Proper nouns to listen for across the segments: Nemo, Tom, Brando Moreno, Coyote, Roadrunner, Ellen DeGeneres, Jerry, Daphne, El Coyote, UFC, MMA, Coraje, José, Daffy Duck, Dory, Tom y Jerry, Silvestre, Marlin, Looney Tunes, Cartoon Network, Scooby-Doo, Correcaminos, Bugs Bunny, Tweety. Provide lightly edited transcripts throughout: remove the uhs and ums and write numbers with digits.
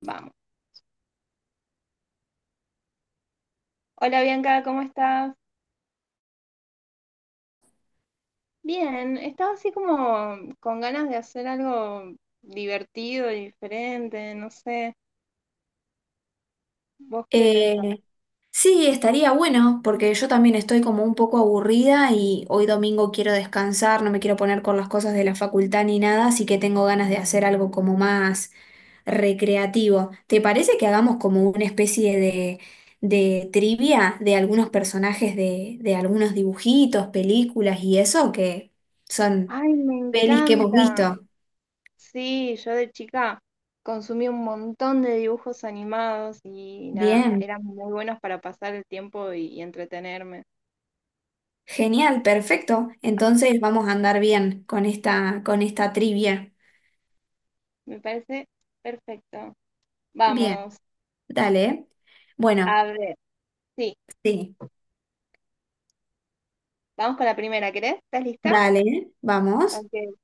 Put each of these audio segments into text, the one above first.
Vamos. Hola Bianca, ¿cómo estás? Bien, estaba así como con ganas de hacer algo divertido y diferente, no sé, ¿vos qué pensás? Eh, sí, estaría bueno, porque yo también estoy como un poco aburrida y hoy domingo quiero descansar, no me quiero poner con las cosas de la facultad ni nada, así que tengo ganas de hacer algo como más recreativo. ¿Te parece que hagamos como una especie de trivia de algunos personajes de algunos dibujitos, películas y eso, que son Ay, me pelis que hemos encanta. visto? Sí, yo de chica consumí un montón de dibujos animados y nada, Bien, eran muy buenos para pasar el tiempo y entretenerme. genial, perfecto. Entonces vamos a andar bien con esta trivia. Me parece perfecto. Bien. Vamos, Dale. Bueno, a ver, sí, sí. vamos con la primera, ¿querés? ¿Estás lista? Dale, vamos. Ok.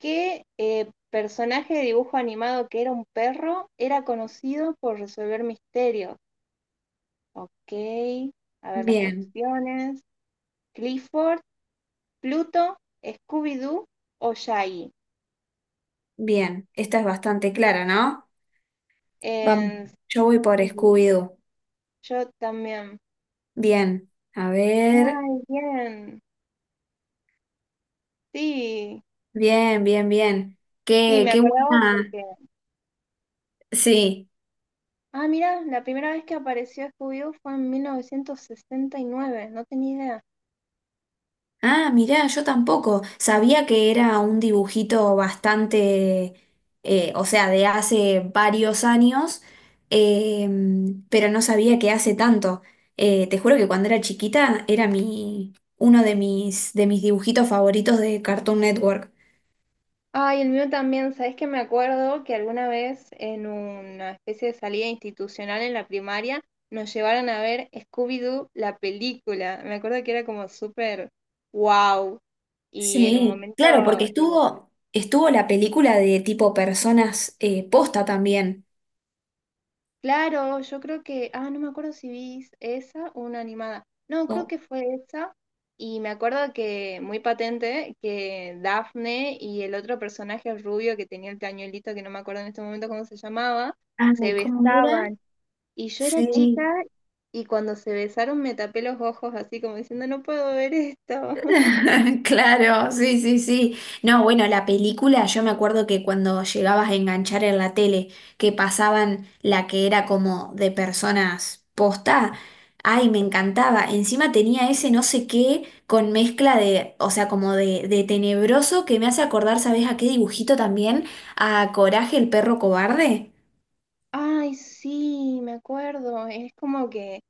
Qué personaje de dibujo animado que era un perro era conocido por resolver misterios? Ok, a ver las Bien, opciones. Clifford, Pluto, Scooby-Doo o Shaggy. bien. Esta es bastante clara, ¿no? Vamos. En- Yo voy por mm, Scooby-Doo. yo también. Bien. A ver. Ay, bien. Sí, Bien, bien, bien. sí, Qué, me qué acordaba buena. porque... Sí, Ah, mira, la primera vez que apareció Scooby-Doo fue en 1969, no tenía idea. ah, mirá, yo tampoco. Sabía que era un dibujito bastante, o sea, de hace varios años, pero no sabía que hace tanto. Te juro que cuando era chiquita era mi, uno de mis dibujitos favoritos de Cartoon Network. Ay, el mío también, ¿sabes que me acuerdo que alguna vez en una especie de salida institucional en la primaria nos llevaron a ver Scooby-Doo, la película? Me acuerdo que era como súper wow. Y en un Sí, momento, claro, porque eh, estuvo, estuvo la película de tipo personas posta también. claro, yo creo que, ah, no me acuerdo si vi esa o una animada. No, creo Oh, que fue esa. Y me acuerdo que, muy patente, que Daphne y el otro personaje rubio que tenía el pañuelito, que no me acuerdo en este momento cómo se llamaba, se ay, ¿cómo era? besaban. Y yo era chica Sí. y cuando se besaron me tapé los ojos así como diciendo, no puedo ver esto. Claro, sí, sí, sí. No, bueno, la película, yo me acuerdo que cuando llegabas a enganchar en la tele, que pasaban la que era como de personas posta, ay, me encantaba. Encima tenía ese no sé qué con mezcla de, o sea, como de tenebroso que me hace acordar, ¿sabes a qué dibujito también? A Coraje, el perro cobarde. Ay, sí, me acuerdo. Es como que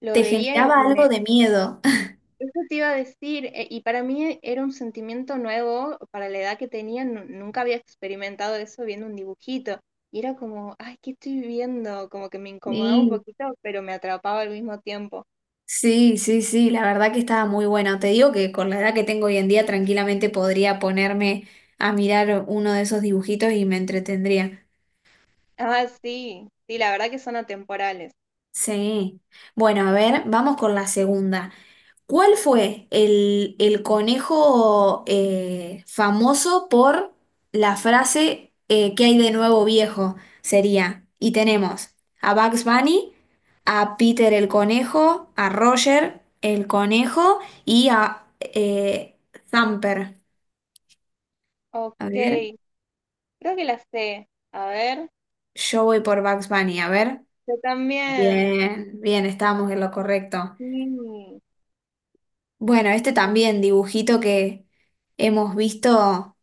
lo Te veía y, generaba y algo me... de miedo. Eso te iba a decir, y para mí era un sentimiento nuevo, para la edad que tenía, nunca había experimentado eso viendo un dibujito. Y era como, ay, ¿qué estoy viendo? Como que me incomodaba un Sí. poquito, pero me atrapaba al mismo tiempo. Sí, sí, sí, la verdad que estaba muy bueno. Te digo que con la edad que tengo hoy en día tranquilamente podría ponerme a mirar uno de esos dibujitos y me entretendría. Ah, sí, sí, la verdad que son atemporales. Sí. Bueno, a ver, vamos con la segunda. ¿Cuál fue el conejo famoso por la frase ¿qué hay de nuevo viejo? Sería, y tenemos a Bugs Bunny, a Peter el conejo, a Roger el conejo y a Thumper. Ok, A ver, creo que la sé. A ver. yo voy por Bugs Bunny, a ver. Yo también. Bien, bien, estamos en lo correcto. Sí. Bueno, este también dibujito que hemos visto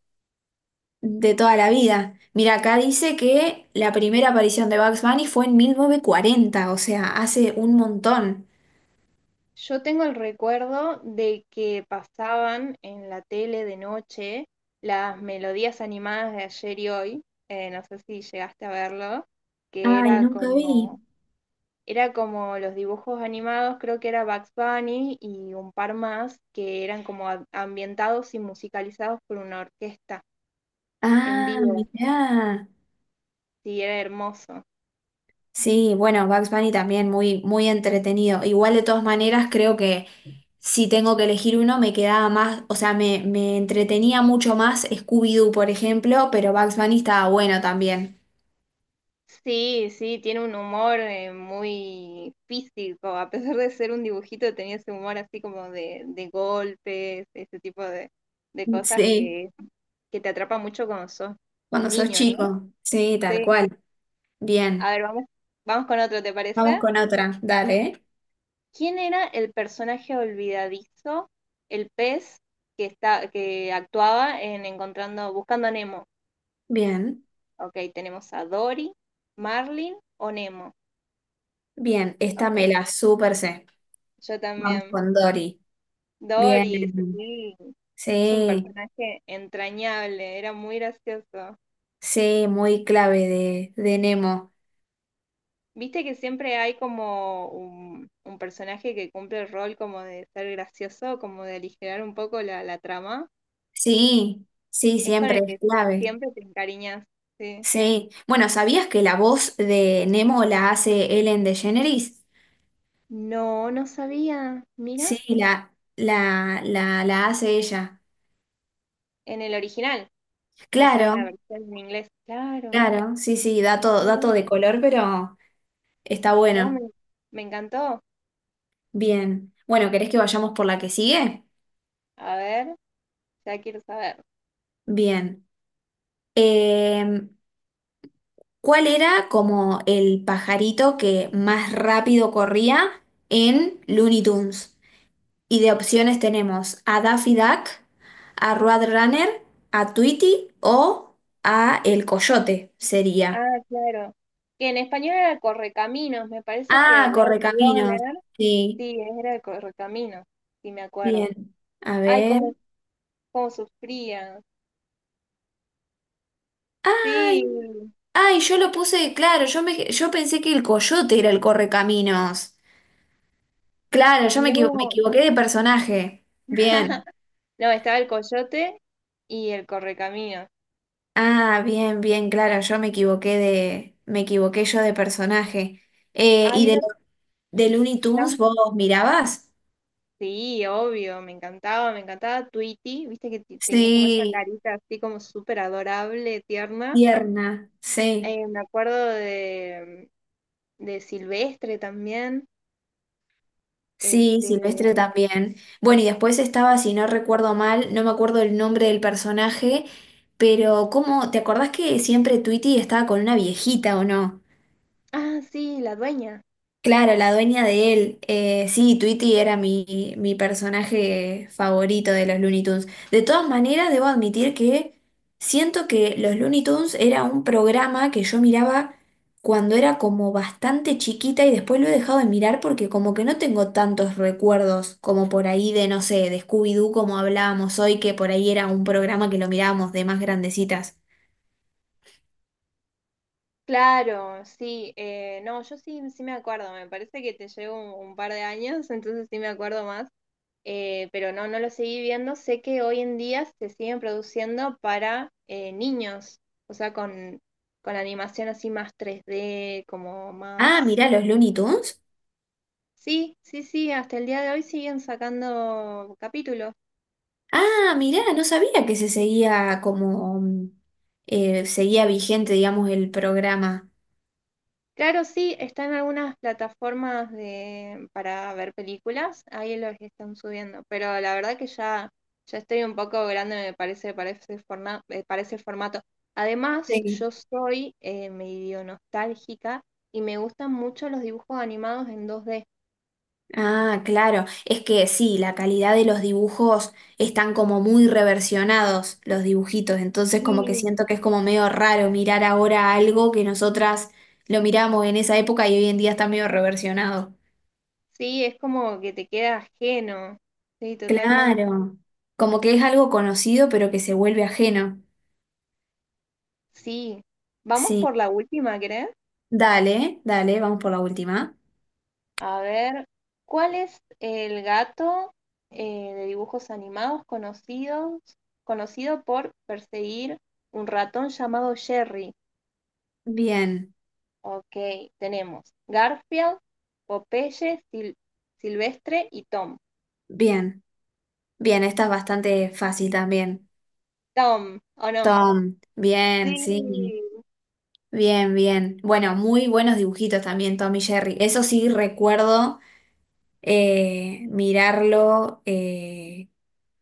de toda la vida. Mira, acá dice que la primera aparición de Bugs Bunny fue en 1940, o sea, hace un montón. Yo tengo el recuerdo de que pasaban en la tele de noche las melodías animadas de ayer y hoy. No sé si llegaste a verlo, que Ay, nunca vi. Era como los dibujos animados, creo que era Bugs Bunny y un par más que eran como ambientados y musicalizados por una orquesta en Ah, vivo. mirá. Sí, era hermoso. Sí, bueno, Bugs Bunny también muy, muy entretenido. Igual de todas maneras, creo que si tengo que elegir uno, me quedaba más, o sea, me entretenía mucho más Scooby-Doo, por ejemplo, pero Bugs Bunny estaba bueno también. Sí, sí, tiene un humor muy físico, a pesar de ser un dibujito, tenía ese humor así como de golpes, ese tipo de cosas Sí. Que te atrapa mucho cuando sos Cuando sos niño, ¿no? chico. Sí, tal Sí. cual. A Bien. ver, vamos, vamos con otro, ¿te parece? Vamos con otra. Dale. ¿Quién era el personaje olvidadizo, el pez que está, que actuaba en encontrando, buscando a Nemo? Bien. Ok, tenemos a Dory, Marlin o Nemo. Bien. Esta Ok, me la súper sé. yo Vamos también. con Dory. Doris, Bien. sí. Es un Sí. personaje entrañable, era muy gracioso. Sí, muy clave de Nemo. Viste que siempre hay como un personaje que cumple el rol como de ser gracioso, como de aligerar un poco la, la trama. Sí. Sí, Es con siempre el es que clave. siempre te encariñas, sí. Sí. Bueno, ¿sabías que la voz de Nemo la hace Ellen DeGeneres? No, no sabía. Mira, Sí, la hace ella. en el original, o sea, en Claro, la versión en inglés. Claro. claro. Sí, sí, dato, Qué dato loco. de color, pero está No, me, bueno. me encantó. Bien. Bueno, ¿querés que vayamos por la que sigue? A ver, ya quiero saber. Bien. Em, ¿Cuál era como el pajarito que más rápido corría en Looney Tunes? Y de opciones tenemos a Daffy Duck, a Roadrunner, a Tweety o a El Coyote Ah, sería. claro. Que en español era el Correcaminos, me parece que Ah, Correcaminos. Roadrunner, Sí, sí, era el Correcaminos, si me bien. acuerdo. A Ay, cómo, ver. cómo sufrían. Ay, Sí, ay, yo lo puse, claro, yo me, yo pensé que el coyote era el correcaminos. Claro, yo me, equivo- me no. equivoqué de personaje. Bien. No, estaba el Coyote y el Correcaminos. Ah, bien, bien, claro, yo me equivoqué de, me equivoqué yo de personaje. ¿Y Ay, de, era lo- de Looney Tunes tan... vos mirabas? Sí, obvio, me encantaba Tweety, viste que tenía como esa Sí, carita así como súper adorable, tierna. tierna, sí. Me acuerdo de Silvestre también. Sí, Este, Silvestre también. Bueno, y después estaba, si mm. no recuerdo mal, no me acuerdo el nombre del personaje, pero ¿cómo? ¿Te acordás que siempre Tweety estaba con una viejita o no? Ah, sí, la dueña. Claro, la dueña de él. Sí, Tweety era mi, mi personaje favorito de los Looney Tunes. De todas maneras, debo admitir que siento que los Looney Tunes era un programa que yo miraba cuando era como bastante chiquita y después lo he dejado de mirar porque como que no tengo tantos recuerdos como por ahí de, no sé, de Scooby-Doo como hablábamos hoy, que por ahí era un programa que lo mirábamos de más grandecitas. Claro, sí. No, yo sí, sí me acuerdo. Me parece que te llevo un par de años, entonces sí me acuerdo más. Pero no, no lo seguí viendo. Sé que hoy en día se siguen produciendo para niños, o sea, con animación así más tres d como Ah, más... mirá los Looney Tunes. Sí, sí, sí, hasta el día de hoy siguen sacando capítulos. Ah, mirá, no sabía que se seguía como... seguía vigente, digamos, el programa. Claro, sí, están algunas plataformas de, para ver películas, ahí los están subiendo, pero la verdad que ya, ya estoy un poco grande, me parece, para ese para ese formato. Además, Sí. yo soy medio nostálgica y me gustan mucho los dibujos animados en dos d. Ah, claro. Es que sí, la calidad de los dibujos están como muy reversionados los dibujitos, entonces como que Sí. siento que es como medio raro mirar ahora algo que nosotras lo miramos en esa época y hoy en día está medio reversionado. Sí, es como que te queda ajeno. Sí, totalmente. Claro. Como que es algo conocido pero que se vuelve ajeno. Sí. Vamos Sí. por la última, ¿crees? Dale, dale, vamos por la última. A ver, ¿cuál es el gato de dibujos animados conocidos, conocido por perseguir un ratón llamado Jerry? Bien, Ok, tenemos Garfield, Popeye, Silvestre y Tom. bien, bien, esta es bastante fácil también. Tom, ¿o no? Tom, bien, sí, Sí. bien, bien. Bueno, muy buenos dibujitos también, Tom y Jerry. Eso sí recuerdo mirarlo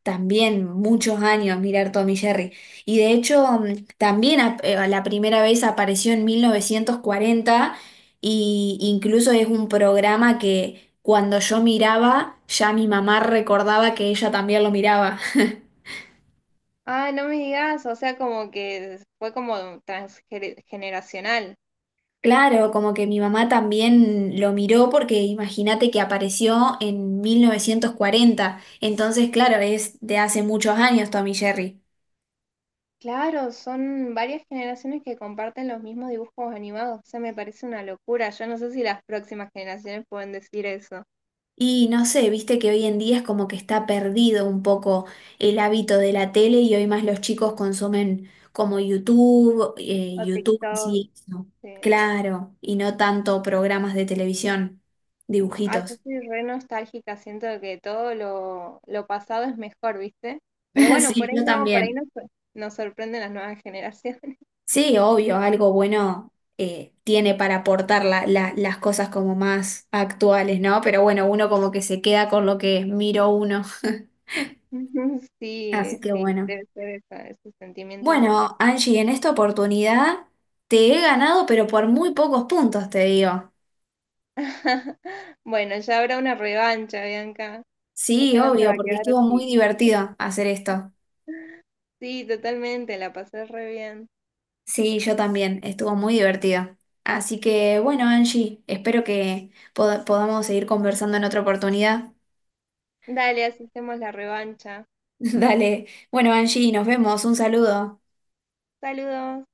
también muchos años, mirar Tom y Jerry. Y de hecho, también la primera vez apareció en 1940 y incluso es un programa que cuando yo miraba, ya mi mamá recordaba que ella también lo miraba. Ah, no me digas, o sea, como que fue como transgeneracional. Claro, como que mi mamá también lo miró porque imagínate que apareció en 1940, entonces claro, es de hace muchos años Tommy Jerry. Claro, son varias generaciones que comparten los mismos dibujos animados. O sea, me parece una locura. Yo no sé si las próximas generaciones pueden decir eso. Y no sé, viste que hoy en día es como que está perdido un poco el hábito de la tele y hoy más los chicos consumen como YouTube, eh, O YouTube, TikTok. sí, eso. Sí. Claro, y no tanto programas de televisión, Ah, yo dibujitos. soy re nostálgica. Siento que todo lo pasado es mejor, ¿viste? Pero bueno, Sí, yo por ahí no, también. nos sorprenden las nuevas generaciones. Sí, obvio, algo bueno tiene para aportar las cosas como más actuales, ¿no? Pero bueno, uno como que se queda con lo que miro uno. Así Sí, que sí, bueno. debe ser esa- ese sentimiento de... Bueno, Angie, en esta oportunidad te he ganado, pero por muy pocos puntos, te digo. Bueno, ya habrá una revancha, Bianca. Sí, Esto no se obvio, va a porque quedar estuvo muy así. divertido hacer esto. Sí, totalmente, la pasé re bien. Sí, yo también, estuvo muy divertido. Así que bueno, Angie, espero que podamos seguir conversando en otra oportunidad. Dale, así hacemos la revancha. Dale. Bueno, Angie, nos vemos. Un saludo. Saludos.